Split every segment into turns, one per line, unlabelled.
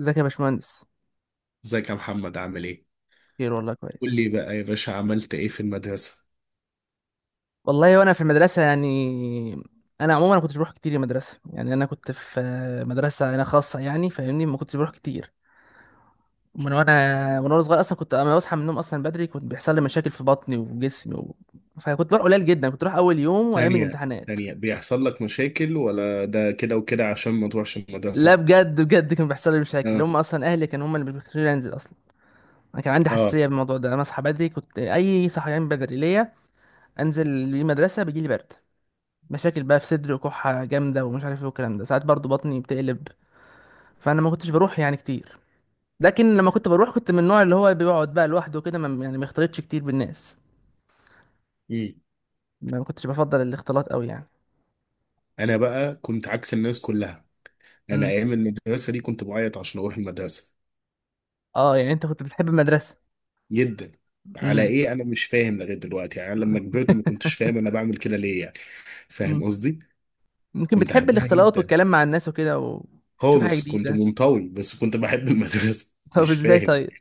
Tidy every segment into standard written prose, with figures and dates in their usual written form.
ازيك يا باشمهندس؟
ازيك يا محمد عامل ايه؟
خير والله
قول
كويس.
لي بقى يا باشا عملت ايه في المدرسة؟
والله وانا في المدرسه يعني، انا عموما ما كنتش بروح كتير المدرسه. يعني انا كنت في مدرسه انا خاصه يعني، فاهمني، ما كنتش بروح كتير من وانا صغير اصلا. كنت اما بصحى من النوم اصلا بدري كنت بيحصل لي مشاكل في بطني وجسمي. فكنت بروح قليل جدا، كنت بروح اول يوم وايام
ثانية
الامتحانات.
ثانية بيحصل لك مشاكل ولا ده كده وكده عشان ما تروحش
لا
المدرسة؟
بجد بجد كان بيحصل لي مشاكل،
اه
هم اصلا اهلي كانوا هم اللي بيخلوني انزل اصلا. انا كان عندي
اه
حساسيه بالموضوع ده، انا اصحى بدري كنت، اي، صحيان بدري ليا انزل المدرسه بيجي لي برد، مشاكل بقى في صدري وكحة جامدة ومش عارف ايه والكلام ده، ساعات برضو بطني بتقلب. فانا ما كنتش بروح يعني كتير. لكن لما كنت بروح كنت من النوع اللي هو بيقعد بقى لوحده كده، يعني ما يختلطش كتير بالناس.
مم.
ما كنتش بفضل الاختلاط قوي يعني.
انا بقى كنت عكس الناس كلها. انا
امم.
ايام المدرسة دي كنت بعيط عشان اروح المدرسة.
اه، يعني انت كنت بتحب المدرسة؟
جدا. على
امم.
ايه انا مش فاهم لغاية دلوقتي، يعني انا لما كبرت ما كنتش فاهم انا بعمل كده ليه يعني. فاهم
امم.
قصدي؟
ممكن
كنت
بتحب
احبها
الاختلاط
جدا
والكلام مع الناس وكده وتشوف حاجة
خالص، كنت
جديدة.
منطوي بس كنت بحب المدرسة،
طب
مش
ازاي
فاهم.
طيب؟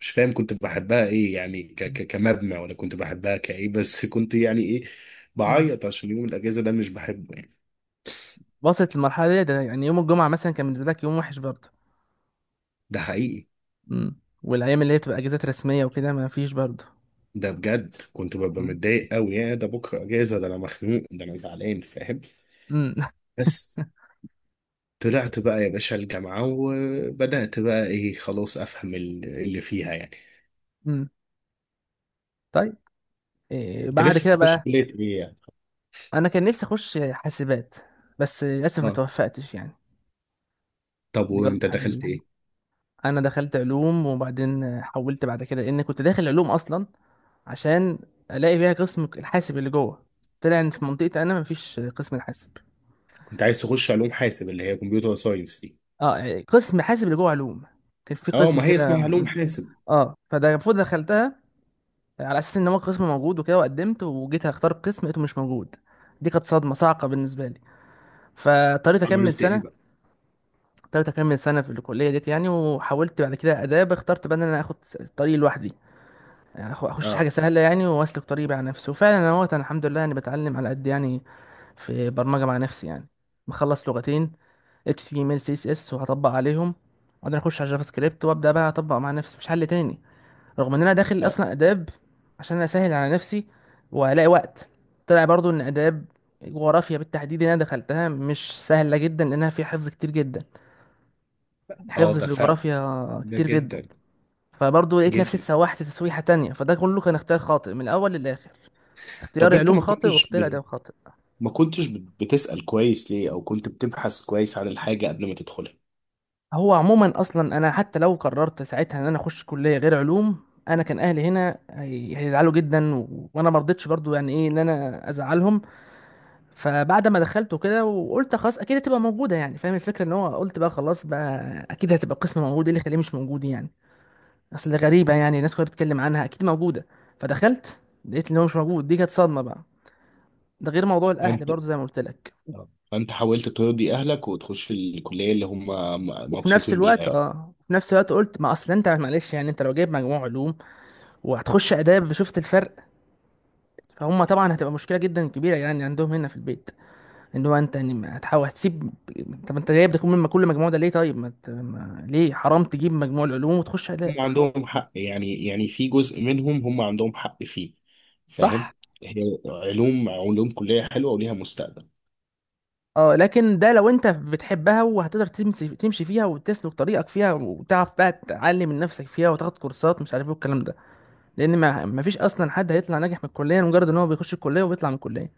مش فاهم كنت بحبها ايه، يعني ك كمبنى ولا كنت بحبها كايه، بس كنت يعني ايه،
امم.
بعيط عشان يوم الاجازة ده مش بحبه يعني.
وصلت المرحلة دي، ده يعني يوم الجمعة مثلا كان بالنسبة لك يوم وحش برضه.
ده حقيقي.
امم. والايام اللي هي بتبقى اجازات رسمية وكده ما فيش برضه.
ده بجد كنت ببقى
امم.
متضايق قوي، يا ده بكرة اجازة، ده انا مخنوق، ده انا زعلان، فاهم.
امم.
بس طلعت بقى يا باشا الجامعة وبدأت بقى ايه خلاص افهم اللي فيها يعني.
امم. طيب، إيه
انت
بعد
نفسك
كده
تخش
بقى؟
كلية ايه يعني؟
انا كان نفسي اخش حاسبات بس للاسف ما
اه.
توفقتش يعني.
طب
دي برضه
وانت
حاجه من
دخلت
الحاجات،
ايه؟
انا دخلت علوم وبعدين حولت بعد كده، لان كنت داخل علوم اصلا عشان الاقي بيها قسم الحاسب اللي جوه. طلع ان في منطقتي انا مفيش قسم الحاسب.
انت عايز تخش علوم حاسب اللي هي كمبيوتر ساينس دي؟
اه، يعني قسم حاسب اللي جوه علوم، كان في
اه،
قسم
ما هي
كده
اسمها علوم
م-
حاسب.
اه، فده المفروض دخلتها على اساس ان هو قسم موجود وكده. وقدمت وجيت اختار قسم لقيته مش موجود، دي كانت صدمه صعقه بالنسبه لي. فاضطريت اكمل
عملت ايه
سنه
بقى؟
تالتة كام من سنة في الكلية ديت يعني. وحاولت بعد كده آداب، اخترت بقى إن أنا آخد الطريق لوحدي، يعني أخش حاجة
اه.
سهلة يعني، وأسلك طريقي مع نفسي. وفعلا أنا اهوت، أنا الحمد لله يعني بتعلم على قد يعني في برمجة مع نفسي يعني. مخلص لغتين HTML CSS وهطبق عليهم، وبعدين أخش على جافا سكريبت وأبدأ بقى أطبق مع نفسي مفيش حل تاني، رغم إن أنا داخل
اه.
أصلا آداب عشان أنا أسهل على نفسي وألاقي وقت. طلع برضو إن آداب جغرافيا بالتحديد اللي أنا دخلتها مش سهلة جدا، لأنها فيها حفظ كتير جدا، حفظ
اه
في
ده فعلا.
الجغرافيا
ده
كتير جدا.
جدا.
فبرضه لقيت نفسي
جدا.
اتسوحت تسويحة تانية، فده كله كان اختيار خاطئ من الأول للآخر،
طب
اختياري
انت
علوم خاطئ واختياري آداب خاطئ.
ما كنتش بتسأل كويس ليه، او كنت بتبحث كويس عن الحاجة قبل ما تدخلها؟
هو عموما أصلا أنا حتى لو قررت ساعتها إن أنا أخش كلية غير علوم، أنا كان أهلي هنا هيزعلوا جدا، وأنا مرضتش برضه يعني إيه إن أنا أزعلهم. فبعد ما دخلت وكده وقلت خلاص أكيد هتبقى موجودة، يعني فاهم الفكرة، إن هو قلت بقى خلاص بقى أكيد هتبقى قسم موجود، إيه اللي يخليه مش موجود يعني؟ اصل غريبه، يعني الناس كلها بتتكلم عنها اكيد موجوده. فدخلت لقيت ان هو مش موجود، دي كانت صدمه بقى. ده غير موضوع الاهل
انت
برضه زي ما قلت لك.
آه. فانت حاولت ترضي اهلك وتخش الكلية اللي هم
وفي نفس
مبسوطين بيها
الوقت
يعني.
قلت ما اصل انت معلش يعني، انت لو جايب مجموع علوم وهتخش اداب شفت الفرق، فهم طبعا هتبقى مشكله جدا كبيره يعني عندهم هنا في البيت، ان هو انت يعني هتحاول هتسيب. طب انت جايب ده، كل ما كل مجموع ده ليه؟ طيب ما... ت- ما... ليه حرام تجيب مجموع العلوم وتخش اداب؟
هم عندهم حق يعني، يعني في جزء منهم هم عندهم حق فيه، فاهم.
صح.
هي علوم، علوم كلية حلوة وليها مستقبل.
اه، لكن ده لو انت بتحبها وهتقدر تمشي فيها وتسلك طريقك فيها وتعرف بقى تعلم من نفسك فيها وتاخد كورسات مش عارف ايه والكلام ده، لان ما فيش اصلا حد هيطلع ناجح من الكليه مجرد ان هو بيخش الكليه وبيطلع من الكليه،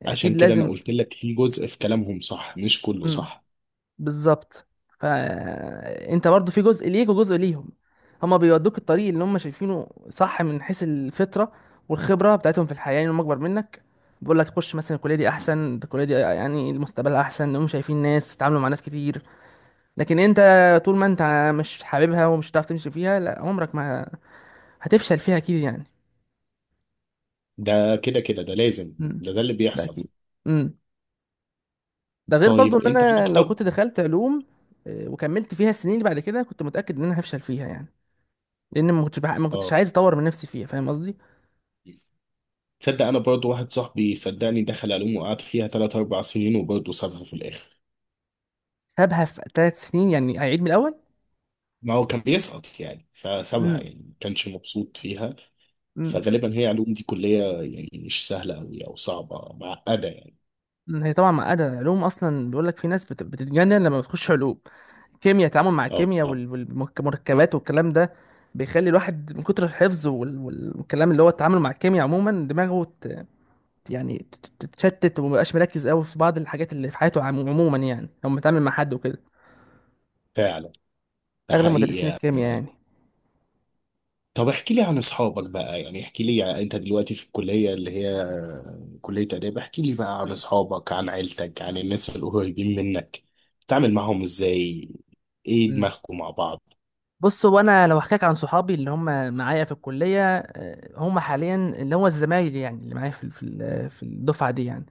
يعني
عشان
اكيد
كده انا
لازم.
قلت لك في جزء في كلامهم صح، مش كله
امم.
صح.
بالظبط. فانت برضو في جزء ليك وجزء ليهم، هما بيودوك الطريق اللي هم شايفينه صح من حيث الفطره والخبره بتاعتهم في الحياه، يعني هم اكبر منك، بيقول لك خش مثلا الكليه دي احسن، الكليه دي يعني المستقبل احسن، هم شايفين ناس تتعاملوا مع ناس كتير. لكن انت، طول ما انت مش حاببها ومش هتعرف تمشي فيها، لا عمرك ما، هتفشل فيها اكيد يعني.
ده كده كده ده لازم،
امم.
ده ده اللي
ده
بيحصل.
اكيد. امم. ده غير برضو
طيب
ان
انت
انا لو كنت
علاقتك.
دخلت علوم، وكملت فيها السنين اللي بعد كده كنت متاكد ان انا هفشل فيها يعني، لان ما كنتش
اه.
عايز اطور من نفسي فيها، فاهم قصدي.
تصدق انا برضو واحد صاحبي صدقني دخل علوم وقعد فيها 3 4 سنين وبرضه سابها في الاخر.
سابها في 3 سنين يعني اعيد من الاول؟
ما هو كان بيسقط يعني فسابها،
امم.
يعني ما كانش مبسوط فيها.
امم.
فغالبا هي علوم دي كلية، يعني مش سهلة أوي أو صعبة معقدة يعني.
هي طبعا معقده، العلوم اصلا بيقول لك في ناس بتتجنن لما بتخش علوم، كيمياء، التعامل مع
اه.
الكيمياء
آه،
والمركبات والكلام ده بيخلي الواحد من كتر الحفظ والكلام اللي هو التعامل مع الكيمياء عموما دماغه تتشتت ومبقاش مركز قوي في بعض الحاجات اللي في حياته عموما يعني، لما بيتعامل مع حد وكده،
فعلا. ده
اغلب
حقيقي
مدرسين الكيمياء يعني.
يعني. طب احكي لي عن اصحابك بقى، يعني احكي لي انت دلوقتي في الكلية اللي هي كلية آداب، احكي لي بقى عن
مم.
اصحابك، عن عيلتك، عن الناس القريبين منك. بتتعامل معاهم ازاي؟ ايه
مم.
دماغكم مع بعض؟
بص، هو انا لو احكيك عن صحابي اللي هم معايا في الكليه، هم حاليا اللي هو الزمايل يعني اللي معايا في الدفعه دي يعني،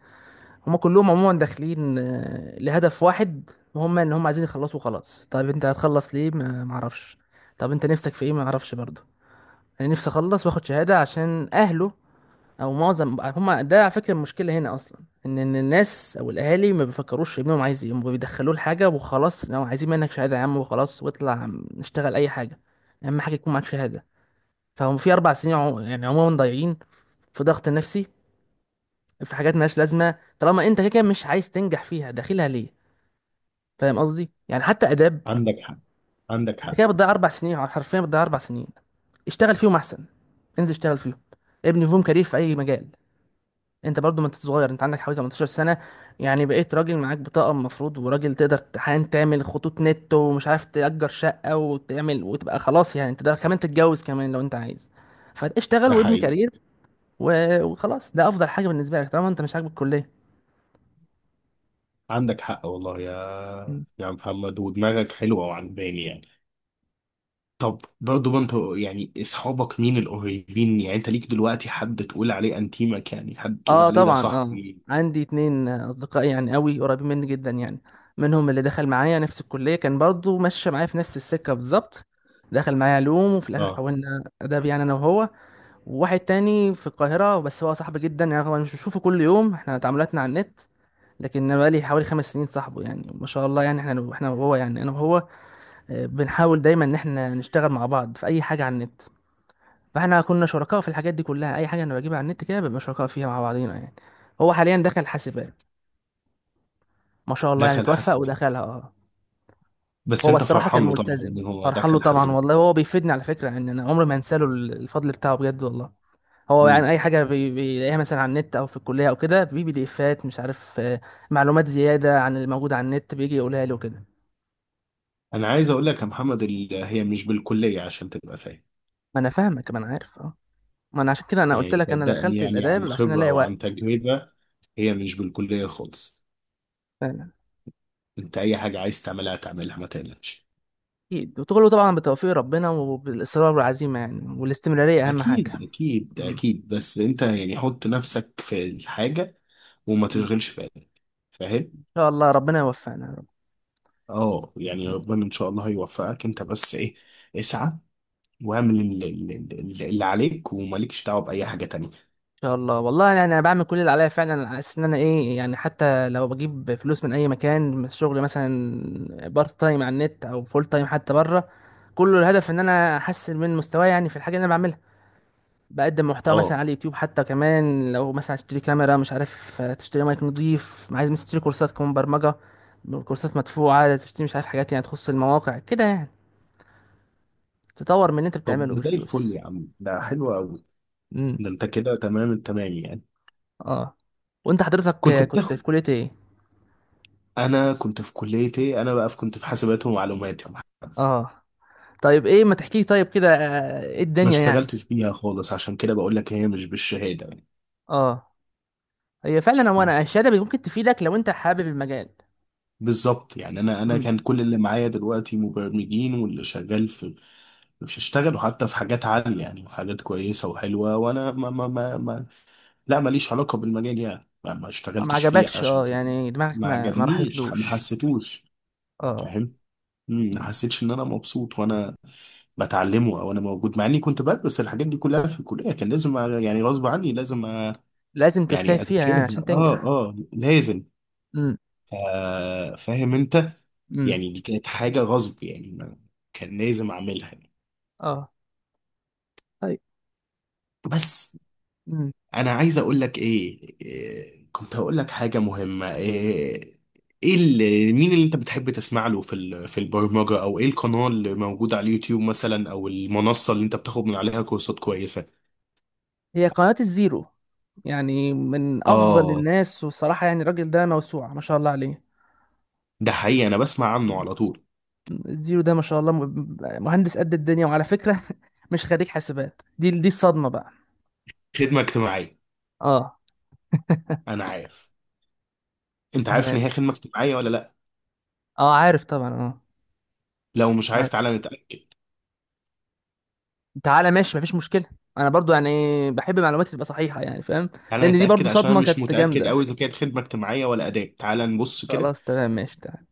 هما كلهم عموما داخلين، لهدف واحد، وهم ان هم عايزين يخلصوا خلاص. طيب انت هتخلص ليه؟ ما اعرفش. طب انت نفسك في ايه؟ ما اعرفش برضه. انا نفسي اخلص واخد شهاده عشان اهله، او معظم هما ده على فكره المشكله هنا اصلا، إن الناس او الاهالي ما بيفكروش ابنهم عايز ايه، هما بيدخلوه لحاجه وخلاص، لو عايزين منك شهاده يا عم وخلاص، واطلع نشتغل اي حاجه، اهم حاجه يكون معاك شهاده. فهم في 4 سنين يعني عموما ضايعين في ضغط نفسي، في حاجات مالهاش لازمه، طالما انت كده كده مش عايز تنجح فيها داخلها ليه؟ فاهم قصدي، يعني حتى اداب،
عندك حق. عندك
انت
حق.
كده بتضيع 4 سنين، حرفيا بتضيع 4 سنين. اشتغل فيهم احسن، انزل اشتغل فيهم، ابني فيهم كارير في اي مجال. انت برضو ما انت صغير، انت عندك حوالي 18 سنه، يعني بقيت راجل، معاك بطاقه المفروض، وراجل تقدر حاليا تعمل خطوط نت ومش عارف تأجر شقه وتعمل وتبقى خلاص، يعني انت ده كمان تتجوز كمان لو انت عايز. فاشتغل
ده
وابني
حقيقي.
كارير وخلاص، ده افضل حاجه بالنسبه لك طالما انت مش عاجبك الكليه.
عندك حق والله يا محمد، ودماغك حلوة وعجباني يعني. طب برضه ما انت، يعني اصحابك مين القريبين، يعني انت ليك دلوقتي حد تقول عليه انتيمك، يعني حد تقول
اه
عليه ده
طبعا اه.
صاحبي؟
عندي اتنين اصدقاء يعني قوي، قريبين مني جدا يعني، منهم اللي دخل معايا نفس الكليه كان برضو ماشي معايا في نفس السكه بالظبط، دخل معايا علوم وفي الاخر
اه.
حولنا اداب يعني انا وهو. وواحد تاني في القاهره، بس هو صاحبي جدا يعني، رغم إن مش بشوفه كل يوم احنا تعاملاتنا على النت، لكن انا بقالي حوالي 5 سنين صاحبه يعني، ما شاء الله يعني، احنا وهو، يعني انا وهو، بنحاول دايما ان احنا نشتغل مع بعض في اي حاجه على النت. فاحنا كنا شركاء في الحاجات دي كلها، اي حاجه انا بجيبها على النت كده بنبقى شركاء فيها مع بعضينا يعني. هو حاليا دخل حاسبات، ما شاء الله يعني
دخل
توفق
حسن.
ودخلها. اه،
بس
هو بس
انت
الصراحه كان
فرحان له طبعا
ملتزم،
ان هو
فرحان له
دخل
طبعا
حاسبات.
والله، هو بيفيدني على فكره يعني، انا عمري ما انسى له الفضل بتاعه بجد والله. هو
مم.
يعني اي حاجه بيلاقيها مثلا على النت او في الكليه او كده، بي دي افات مش عارف، معلومات زياده عن اللي موجود على النت بيجي يقولها لي وكده.
انا عايز اقول لك يا محمد هي مش بالكليه عشان تبقى فاهم.
ما انا فاهمك، ما انا عارف اه. ما انا عشان كده انا قلت
يعني
لك انا
صدقني،
دخلت
يعني عن
الاداب عشان
خبره
الاقي
وعن
وقت.
تجربه، هي مش بالكليه خالص. انت اي حاجه عايز تعملها تعملها، ما تقلقش.
أكيد، وكله طبعا بتوفيق ربنا وبالإصرار والعزيمة يعني، والاستمرارية أهم حاجة.
اكيد اكيد
مم.
اكيد، بس انت يعني حط نفسك في الحاجه وما
مم.
تشغلش بالك، فاهم.
إن شاء الله ربنا يوفقنا يا رب.
اه، يعني
مم.
ربنا ان شاء الله هيوفقك، انت بس ايه، اسعى واعمل اللي عليك، ومالكش دعوه باي حاجه تانية.
إن شاء الله والله، يعني أنا بعمل كل اللي عليا فعلا، على أساس إن أنا إيه، يعني حتى لو بجيب فلوس من أي مكان، من الشغل مثلا بارت تايم على النت أو فول تايم حتى بره، كله الهدف إن أنا أحسن من مستواي يعني في الحاجة اللي أنا بعملها. بقدم محتوى مثلا
اه.
على اليوتيوب حتى، كمان لو مثلا عايز تشتري كاميرا مش عارف، تشتري مايك نضيف، عايز مثلا تشتري كورسات كمان برمجة، كورسات مدفوعة تشتري، مش عارف حاجات يعني تخص المواقع كده يعني، تطور من اللي انت
طب
بتعمله
ده زي الفل
بالفلوس.
يا عم، ده حلو قوي.
امم.
ده انت كده تمام التمام يعني.
اه، وانت حضرتك
كنت
آه، كنت في
بتاخد.
كلية ايه؟
انا كنت في كلية ايه، انا بقى في كنت في حاسبات ومعلومات يا محمد.
اه طيب، ايه ما تحكي طيب كده، ايه
ما
الدنيا يعني؟
اشتغلتش بيها خالص، عشان كده بقول لك هي مش بالشهادة يعني.
اه، هي فعلا، هو انا
بس.
الشهادة ممكن تفيدك لو انت حابب المجال.
بالظبط. يعني انا
امم.
كان كل اللي معايا دلوقتي مبرمجين واللي شغال في، مش اشتغلوا حتى في حاجات عالية، يعني حاجات كويسة وحلوة. وانا ما لا ماليش علاقة بالمجال، يعني ما
ما
اشتغلتش فيه
عجبكش
عشان
اه،
كده.
يعني دماغك
ما
ما
عجبنيش، ما
راحتلوش.
حسيتوش.
اه،
فاهم. مم، ما حسيتش ان انا مبسوط وانا بتعلمه او انا موجود، مع اني كنت بدرس الحاجات دي كلها في الكليه، كان لازم يعني غصب عني لازم أ-
لازم تجتهد
يعني
فيها يعني
اذاكرها.
عشان
اه
تنجح.
اه لازم.
امم.
آه فاهم انت.
امم.
يعني دي كانت حاجه غصب، كان لازم اعملها.
اه طيب.
بس
امم.
انا عايز اقول لك ايه، إيه، كنت هقول لك حاجه مهمه، ايه؟ ايه اللي مين اللي انت بتحب تسمع له في في البرمجه، او ايه القناه اللي موجوده على اليوتيوب مثلا، او المنصه اللي انت بتاخد من عليها كورسات كويسه؟
هي قناة الزيرو، يعني من افضل
اه،
الناس، والصراحة يعني الراجل ده موسوعة ما شاء الله عليه.
ده حقيقي، انا بسمع عنه
مم.
على طول.
الزيرو ده ما شاء الله مهندس قد الدنيا، وعلى فكرة مش خريج حاسبات، دي الصدمة بقى.
خدمه اجتماعيه.
اه.
انا عارف. انت عارف
تمام.
ان هي خدمه اجتماعيه ولا لا؟
اه عارف طبعا. اه
لو مش عارف
عارف.
تعالى نتاكد.
تعالى ماشي مفيش مشكلة. انا برضو يعني بحب معلوماتي تبقى صحيحة، يعني فاهم. لان
تعالى
دي
نتاكد
برضو
عشان
صدمة
أنا مش
كانت
متاكد
جامدة.
قوي اذا كانت خدمه اجتماعيه ولا اداب، تعالى نبص كده.
خلاص تمام ماشي تعالى.